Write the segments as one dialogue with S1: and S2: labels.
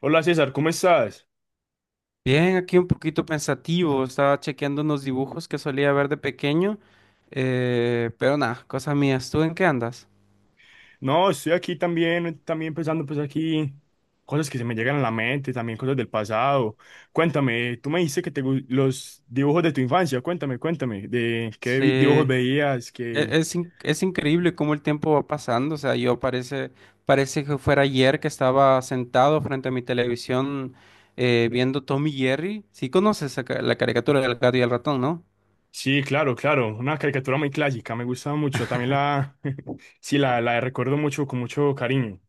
S1: Hola César, ¿cómo estás?
S2: Bien, aquí un poquito pensativo, estaba chequeando unos dibujos que solía ver de pequeño, pero nada, cosa mía. ¿Tú en qué andas?
S1: No, estoy aquí también, también pensando pues aquí cosas que se me llegan a la mente, también cosas del pasado. Cuéntame, tú me dijiste que los dibujos de tu infancia, cuéntame, cuéntame, de qué
S2: Sí,
S1: vi- dibujos
S2: e-
S1: veías, que...
S2: es increíble cómo el tiempo va pasando. O sea, parece que fuera ayer que estaba sentado frente a mi televisión, viendo Tom y Jerry. Sí conoces la caricatura del gato y el ratón, ¿no?
S1: Sí, claro, claro, una caricatura muy clásica, me gusta mucho, también la... sí, la recuerdo mucho, con mucho cariño.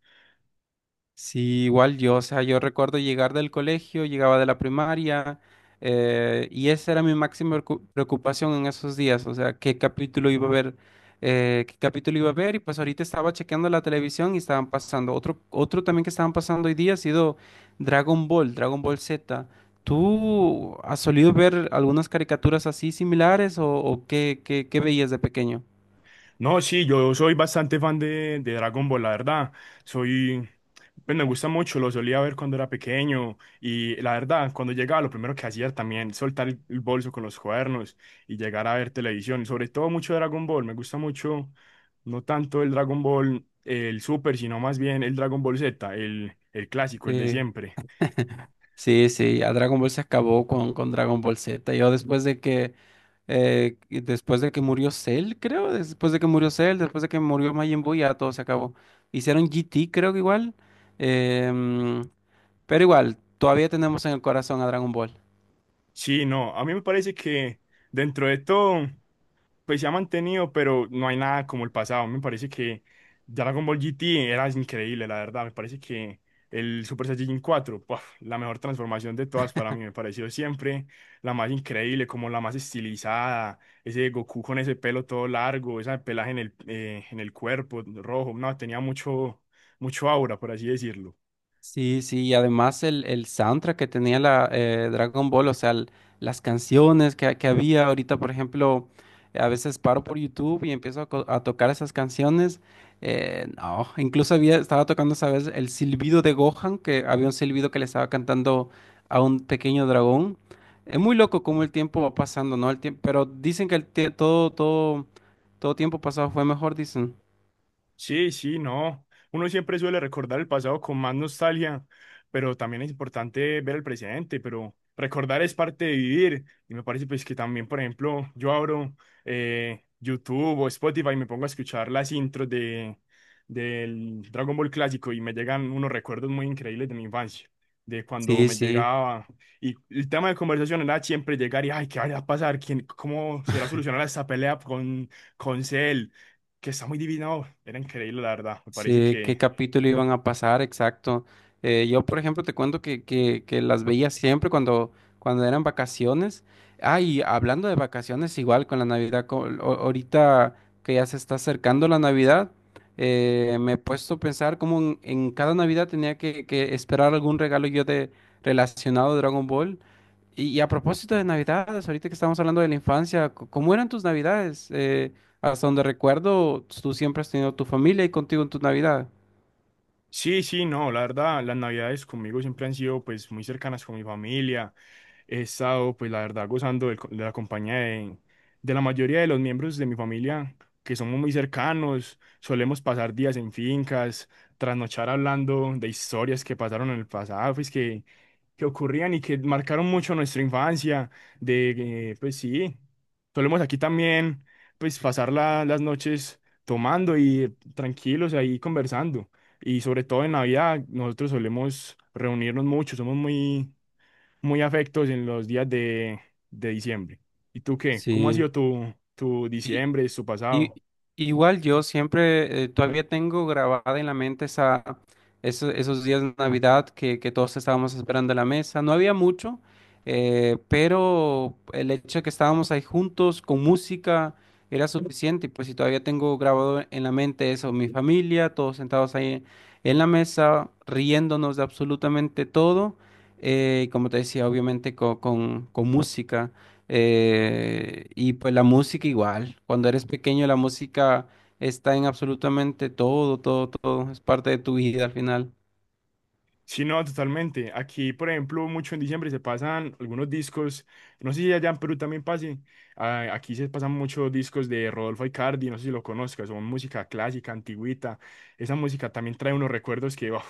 S2: Sí, igual yo. O sea, yo recuerdo llegar del colegio, llegaba de la primaria, y esa era mi preocupación en esos días. O sea, qué capítulo iba a ver, qué capítulo iba a ver, y pues ahorita estaba chequeando la televisión y estaban pasando. Otro también que estaban pasando hoy día ha sido Dragon Ball, Dragon Ball Z. ¿Tú has solido ver algunas caricaturas así similares? O qué, qué veías de pequeño?
S1: No, sí, yo soy bastante fan de Dragon Ball, la verdad. Soy, pues me gusta mucho, lo solía ver cuando era pequeño y la verdad, cuando llegaba lo primero que hacía también soltar el bolso con los cuadernos y llegar a ver televisión, sobre todo mucho Dragon Ball, me gusta mucho, no tanto el Dragon Ball, el Super, sino más bien el Dragon Ball Z, el clásico, el de
S2: Sí.
S1: siempre.
S2: Sí, sí, ya Dragon Ball se acabó con Dragon Ball Z. Yo después de que después de que murió Cell, creo, después de que murió Cell, después de que murió Majin Buu, ya todo se acabó. Hicieron GT, creo que igual. em, pero igual, todavía tenemos en el corazón a Dragon Ball.
S1: Sí, no, a mí me parece que dentro de todo... Pues se ha mantenido, pero no hay nada como el pasado. Me parece que Dragon Ball GT era increíble, la verdad. Me parece que el Super Saiyajin 4, ¡puf! La mejor transformación de todas para mí, me pareció siempre la más increíble, como la más estilizada. Ese Goku con ese pelo todo largo, ese pelaje en el cuerpo rojo, no, tenía mucho, mucho aura, por así decirlo.
S2: Sí, sí. Y además el soundtrack que tenía la Dragon Ball. O sea, las canciones que había ahorita. Por ejemplo, a veces paro por YouTube y empiezo a tocar esas canciones. No, incluso había, estaba tocando esa vez el silbido de Gohan, que había un silbido que le estaba cantando a un pequeño dragón. Es muy loco cómo el tiempo va pasando, ¿no? El tiempo. Pero dicen que todo, todo, todo tiempo pasado fue mejor, dicen.
S1: Sí, sí, no. Uno siempre suele recordar el pasado con más nostalgia, pero también es importante ver el presente, pero recordar es parte de vivir. Y me parece pues que también, por ejemplo, yo abro YouTube o Spotify y me pongo a escuchar las intros de, del Dragon Ball clásico y me llegan unos recuerdos muy increíbles de mi infancia, de cuando
S2: Sí,
S1: me
S2: sí.
S1: llegaba. Y el tema de conversación era siempre llegar y, ay, ¿qué va a pasar? ¿Quién, cómo será solucionar esta pelea con Cell? Que está muy divino, era increíble, la verdad. Me parece
S2: Sí, qué
S1: que
S2: capítulo iban a pasar, exacto. Yo, por ejemplo, te cuento que, que las veía siempre cuando, cuando eran vacaciones. Ah, y hablando de vacaciones, igual con la Navidad, ahorita que ya se está acercando la Navidad, me he puesto a pensar cómo en cada Navidad tenía que esperar algún regalo yo de relacionado a Dragon Ball. Y a propósito de Navidades, ahorita que estamos hablando de la infancia, ¿cómo eran tus Navidades? Hasta donde recuerdo, tú siempre has tenido tu familia y contigo en tu Navidad.
S1: sí, sí, no, la verdad, las navidades conmigo siempre han sido pues muy cercanas con mi familia. He estado pues la verdad gozando de la compañía de la mayoría de los miembros de mi familia que somos muy cercanos. Solemos pasar días en fincas, trasnochar hablando de historias que pasaron en el pasado, pues que ocurrían y que marcaron mucho nuestra infancia, de, pues sí, solemos aquí también, pues pasar las noches tomando y tranquilos ahí conversando. Y sobre todo en Navidad, nosotros solemos reunirnos mucho, somos muy, muy afectos en los días de diciembre. ¿Y tú qué? ¿Cómo ha
S2: Sí.
S1: sido tu, tu
S2: Y,
S1: diciembre, tu
S2: Y,
S1: pasado?
S2: Igual yo siempre, todavía tengo grabada en la mente esa, esos días de Navidad que todos estábamos esperando en la mesa. No había mucho, pero el hecho de que estábamos ahí juntos con música era suficiente. Y pues si todavía tengo grabado en la mente eso, mi familia, todos sentados ahí en la mesa, riéndonos de absolutamente todo. Como te decía, obviamente con música. Y pues la música igual. Cuando eres pequeño, la música está en absolutamente todo, todo, todo. Es parte de tu vida al final.
S1: Sí, no, totalmente. Aquí, por ejemplo, mucho en diciembre se pasan algunos discos, no sé si allá en Perú también pase, ah, aquí se pasan muchos discos de Rodolfo Aicardi, no sé si lo conozcas, son música clásica, antigüita, esa música también trae unos recuerdos que, uf,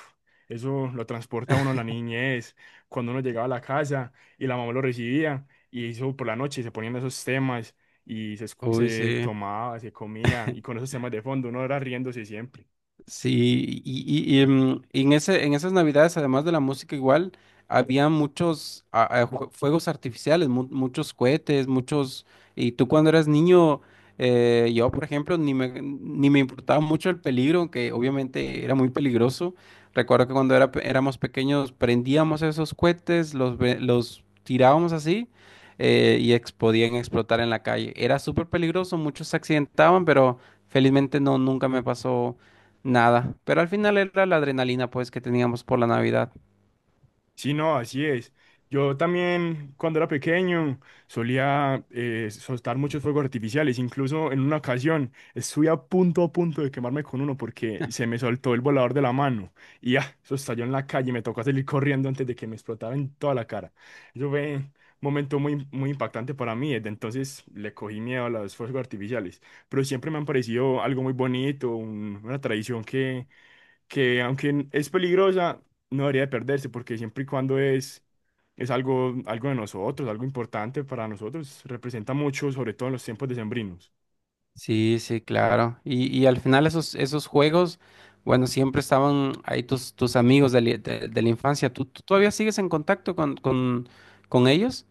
S1: eso lo transporta a uno a la niñez, cuando uno llegaba a la casa y la mamá lo recibía, y eso por la noche se ponían esos temas, y
S2: Uy,
S1: se
S2: sí.
S1: tomaba, se comía, y con esos temas de fondo uno era riéndose siempre.
S2: Sí, y en ese, en esas navidades, además de la música igual, había muchos a jue- fuegos artificiales, muchos cohetes, muchos... Y tú cuando eras niño, yo por ejemplo, ni me importaba mucho el peligro, aunque obviamente era muy peligroso. Recuerdo que cuando éramos pequeños prendíamos esos cohetes, los tirábamos así, podían explotar en la calle. Era súper peligroso, muchos se accidentaban, pero felizmente no, nunca me pasó nada. Pero al final era la adrenalina pues que teníamos por la Navidad.
S1: Sí, no, así es. Yo también, cuando era pequeño, solía soltar muchos fuegos artificiales. Incluso en una ocasión estuve a punto de quemarme con uno porque se me soltó el volador de la mano. Y ya, eso estalló en la calle. Me tocó salir corriendo antes de que me explotara en toda la cara. Eso fue un momento muy, muy impactante para mí. Desde entonces le cogí miedo a los fuegos artificiales. Pero siempre me han parecido algo muy bonito, una tradición que aunque es peligrosa, no debería de perderse porque siempre y cuando es algo, algo de nosotros, algo importante para nosotros, representa mucho, sobre todo en los tiempos decembrinos.
S2: Sí, sí, claro. Y al final esos, esos juegos, bueno, siempre estaban ahí tus amigos de la infancia. ¿Tú, tú todavía sigues en contacto con ellos?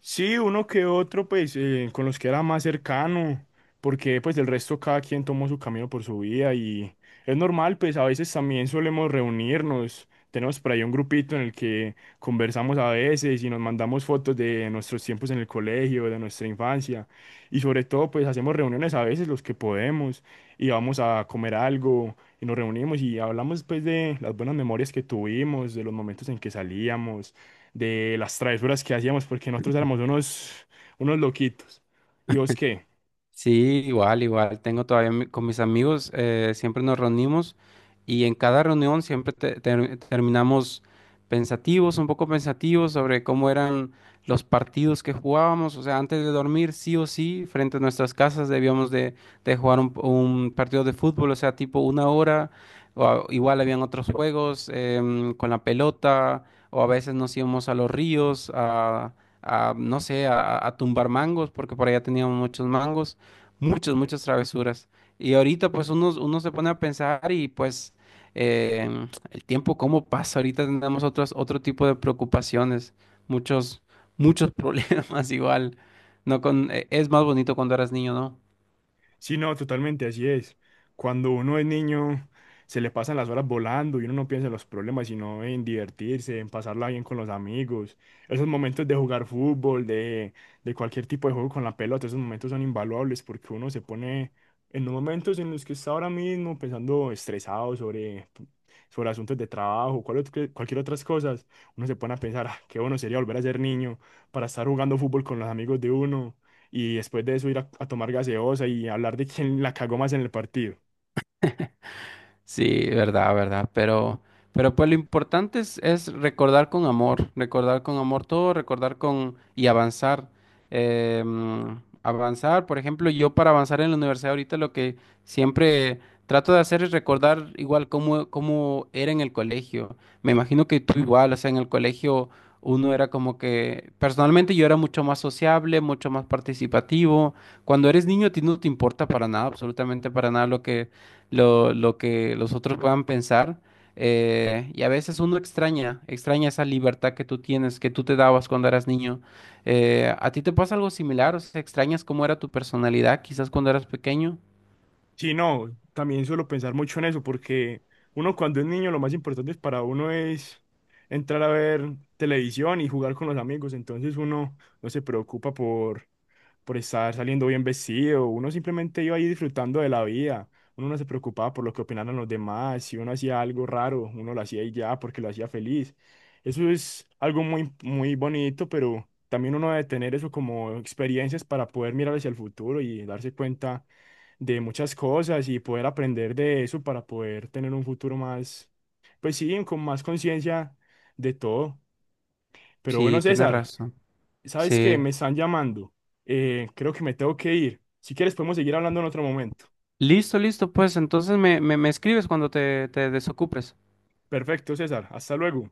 S1: Sí, uno que otro, pues, con los que era más cercano, porque pues del resto cada quien tomó su camino por su vida y es normal, pues a veces también solemos reunirnos, tenemos por ahí un grupito en el que conversamos a veces y nos mandamos fotos de nuestros tiempos en el colegio, de nuestra infancia y sobre todo pues hacemos reuniones a veces los que podemos y vamos a comer algo y nos reunimos y hablamos pues de las buenas memorias que tuvimos, de los momentos en que salíamos de las travesuras que hacíamos, porque nosotros éramos unos, unos loquitos. ¿Y vos qué?
S2: Sí, igual, igual. Tengo todavía con mis amigos, siempre nos reunimos y en cada reunión siempre terminamos pensativos, un poco pensativos sobre cómo eran los partidos que jugábamos. O sea, antes de dormir, sí o sí, frente a nuestras casas debíamos de jugar un partido de fútbol, o sea, tipo una hora. Igual habían otros juegos, con la pelota, o a veces nos íbamos a los ríos a, no sé, a tumbar mangos porque por allá teníamos muchos mangos, muchas, muchas travesuras. Y ahorita pues uno se pone a pensar y pues eh, el tiempo cómo pasa. Ahorita tenemos otro tipo de preocupaciones, muchos, muchos problemas igual. No con, es más bonito cuando eras niño, ¿no?
S1: Sí, no, totalmente, así es. Cuando uno es niño, se le pasan las horas volando y uno no piensa en los problemas, sino en divertirse, en pasarla bien con los amigos. Esos momentos de jugar fútbol, de cualquier tipo de juego con la pelota, esos momentos son invaluables porque uno se pone en los momentos en los que está ahora mismo pensando estresado sobre, sobre asuntos de trabajo, cualquier otras cosas, uno se pone a pensar, "Ah, qué bueno sería volver a ser niño para estar jugando fútbol con los amigos de uno y después de eso ir a tomar gaseosa y hablar de quién la cagó más en el partido.
S2: Sí, verdad, verdad, pero pues lo importante es recordar con amor todo, recordar con y avanzar. Mm, avanzar, por ejemplo, yo para avanzar en la universidad ahorita lo que siempre trato de hacer es recordar igual cómo, cómo era en el colegio. Me imagino que tú igual. O sea, en el colegio uno era como que, personalmente yo era mucho más sociable, mucho más participativo. Cuando eres niño a ti no te importa para nada, absolutamente para nada lo que lo que los otros puedan pensar. Y a veces uno extraña, extraña esa libertad que tú tienes, que tú te dabas cuando eras niño. ¿A ti te pasa algo similar? O sea, ¿extrañas cómo era tu personalidad quizás cuando eras pequeño?
S1: Sí, no, también suelo pensar mucho en eso porque uno cuando es niño lo más importante para uno es entrar a ver televisión y jugar con los amigos, entonces uno no se preocupa por estar saliendo bien vestido, uno simplemente iba ahí disfrutando de la vida, uno no se preocupaba por lo que opinaran los demás, si uno hacía algo raro, uno lo hacía y ya porque lo hacía feliz. Eso es algo muy, muy bonito, pero también uno debe tener eso como experiencias para poder mirar hacia el futuro y darse cuenta de muchas cosas y poder aprender de eso para poder tener un futuro más, pues sí, con más conciencia de todo. Pero bueno,
S2: Sí, tienes
S1: César.
S2: razón.
S1: ¿Sabes qué?
S2: Sí.
S1: Me están llamando. Creo que me tengo que ir. Si quieres, podemos seguir hablando en otro momento.
S2: Listo, listo, pues entonces me, me escribes cuando te desocupes.
S1: Perfecto, César. Hasta luego.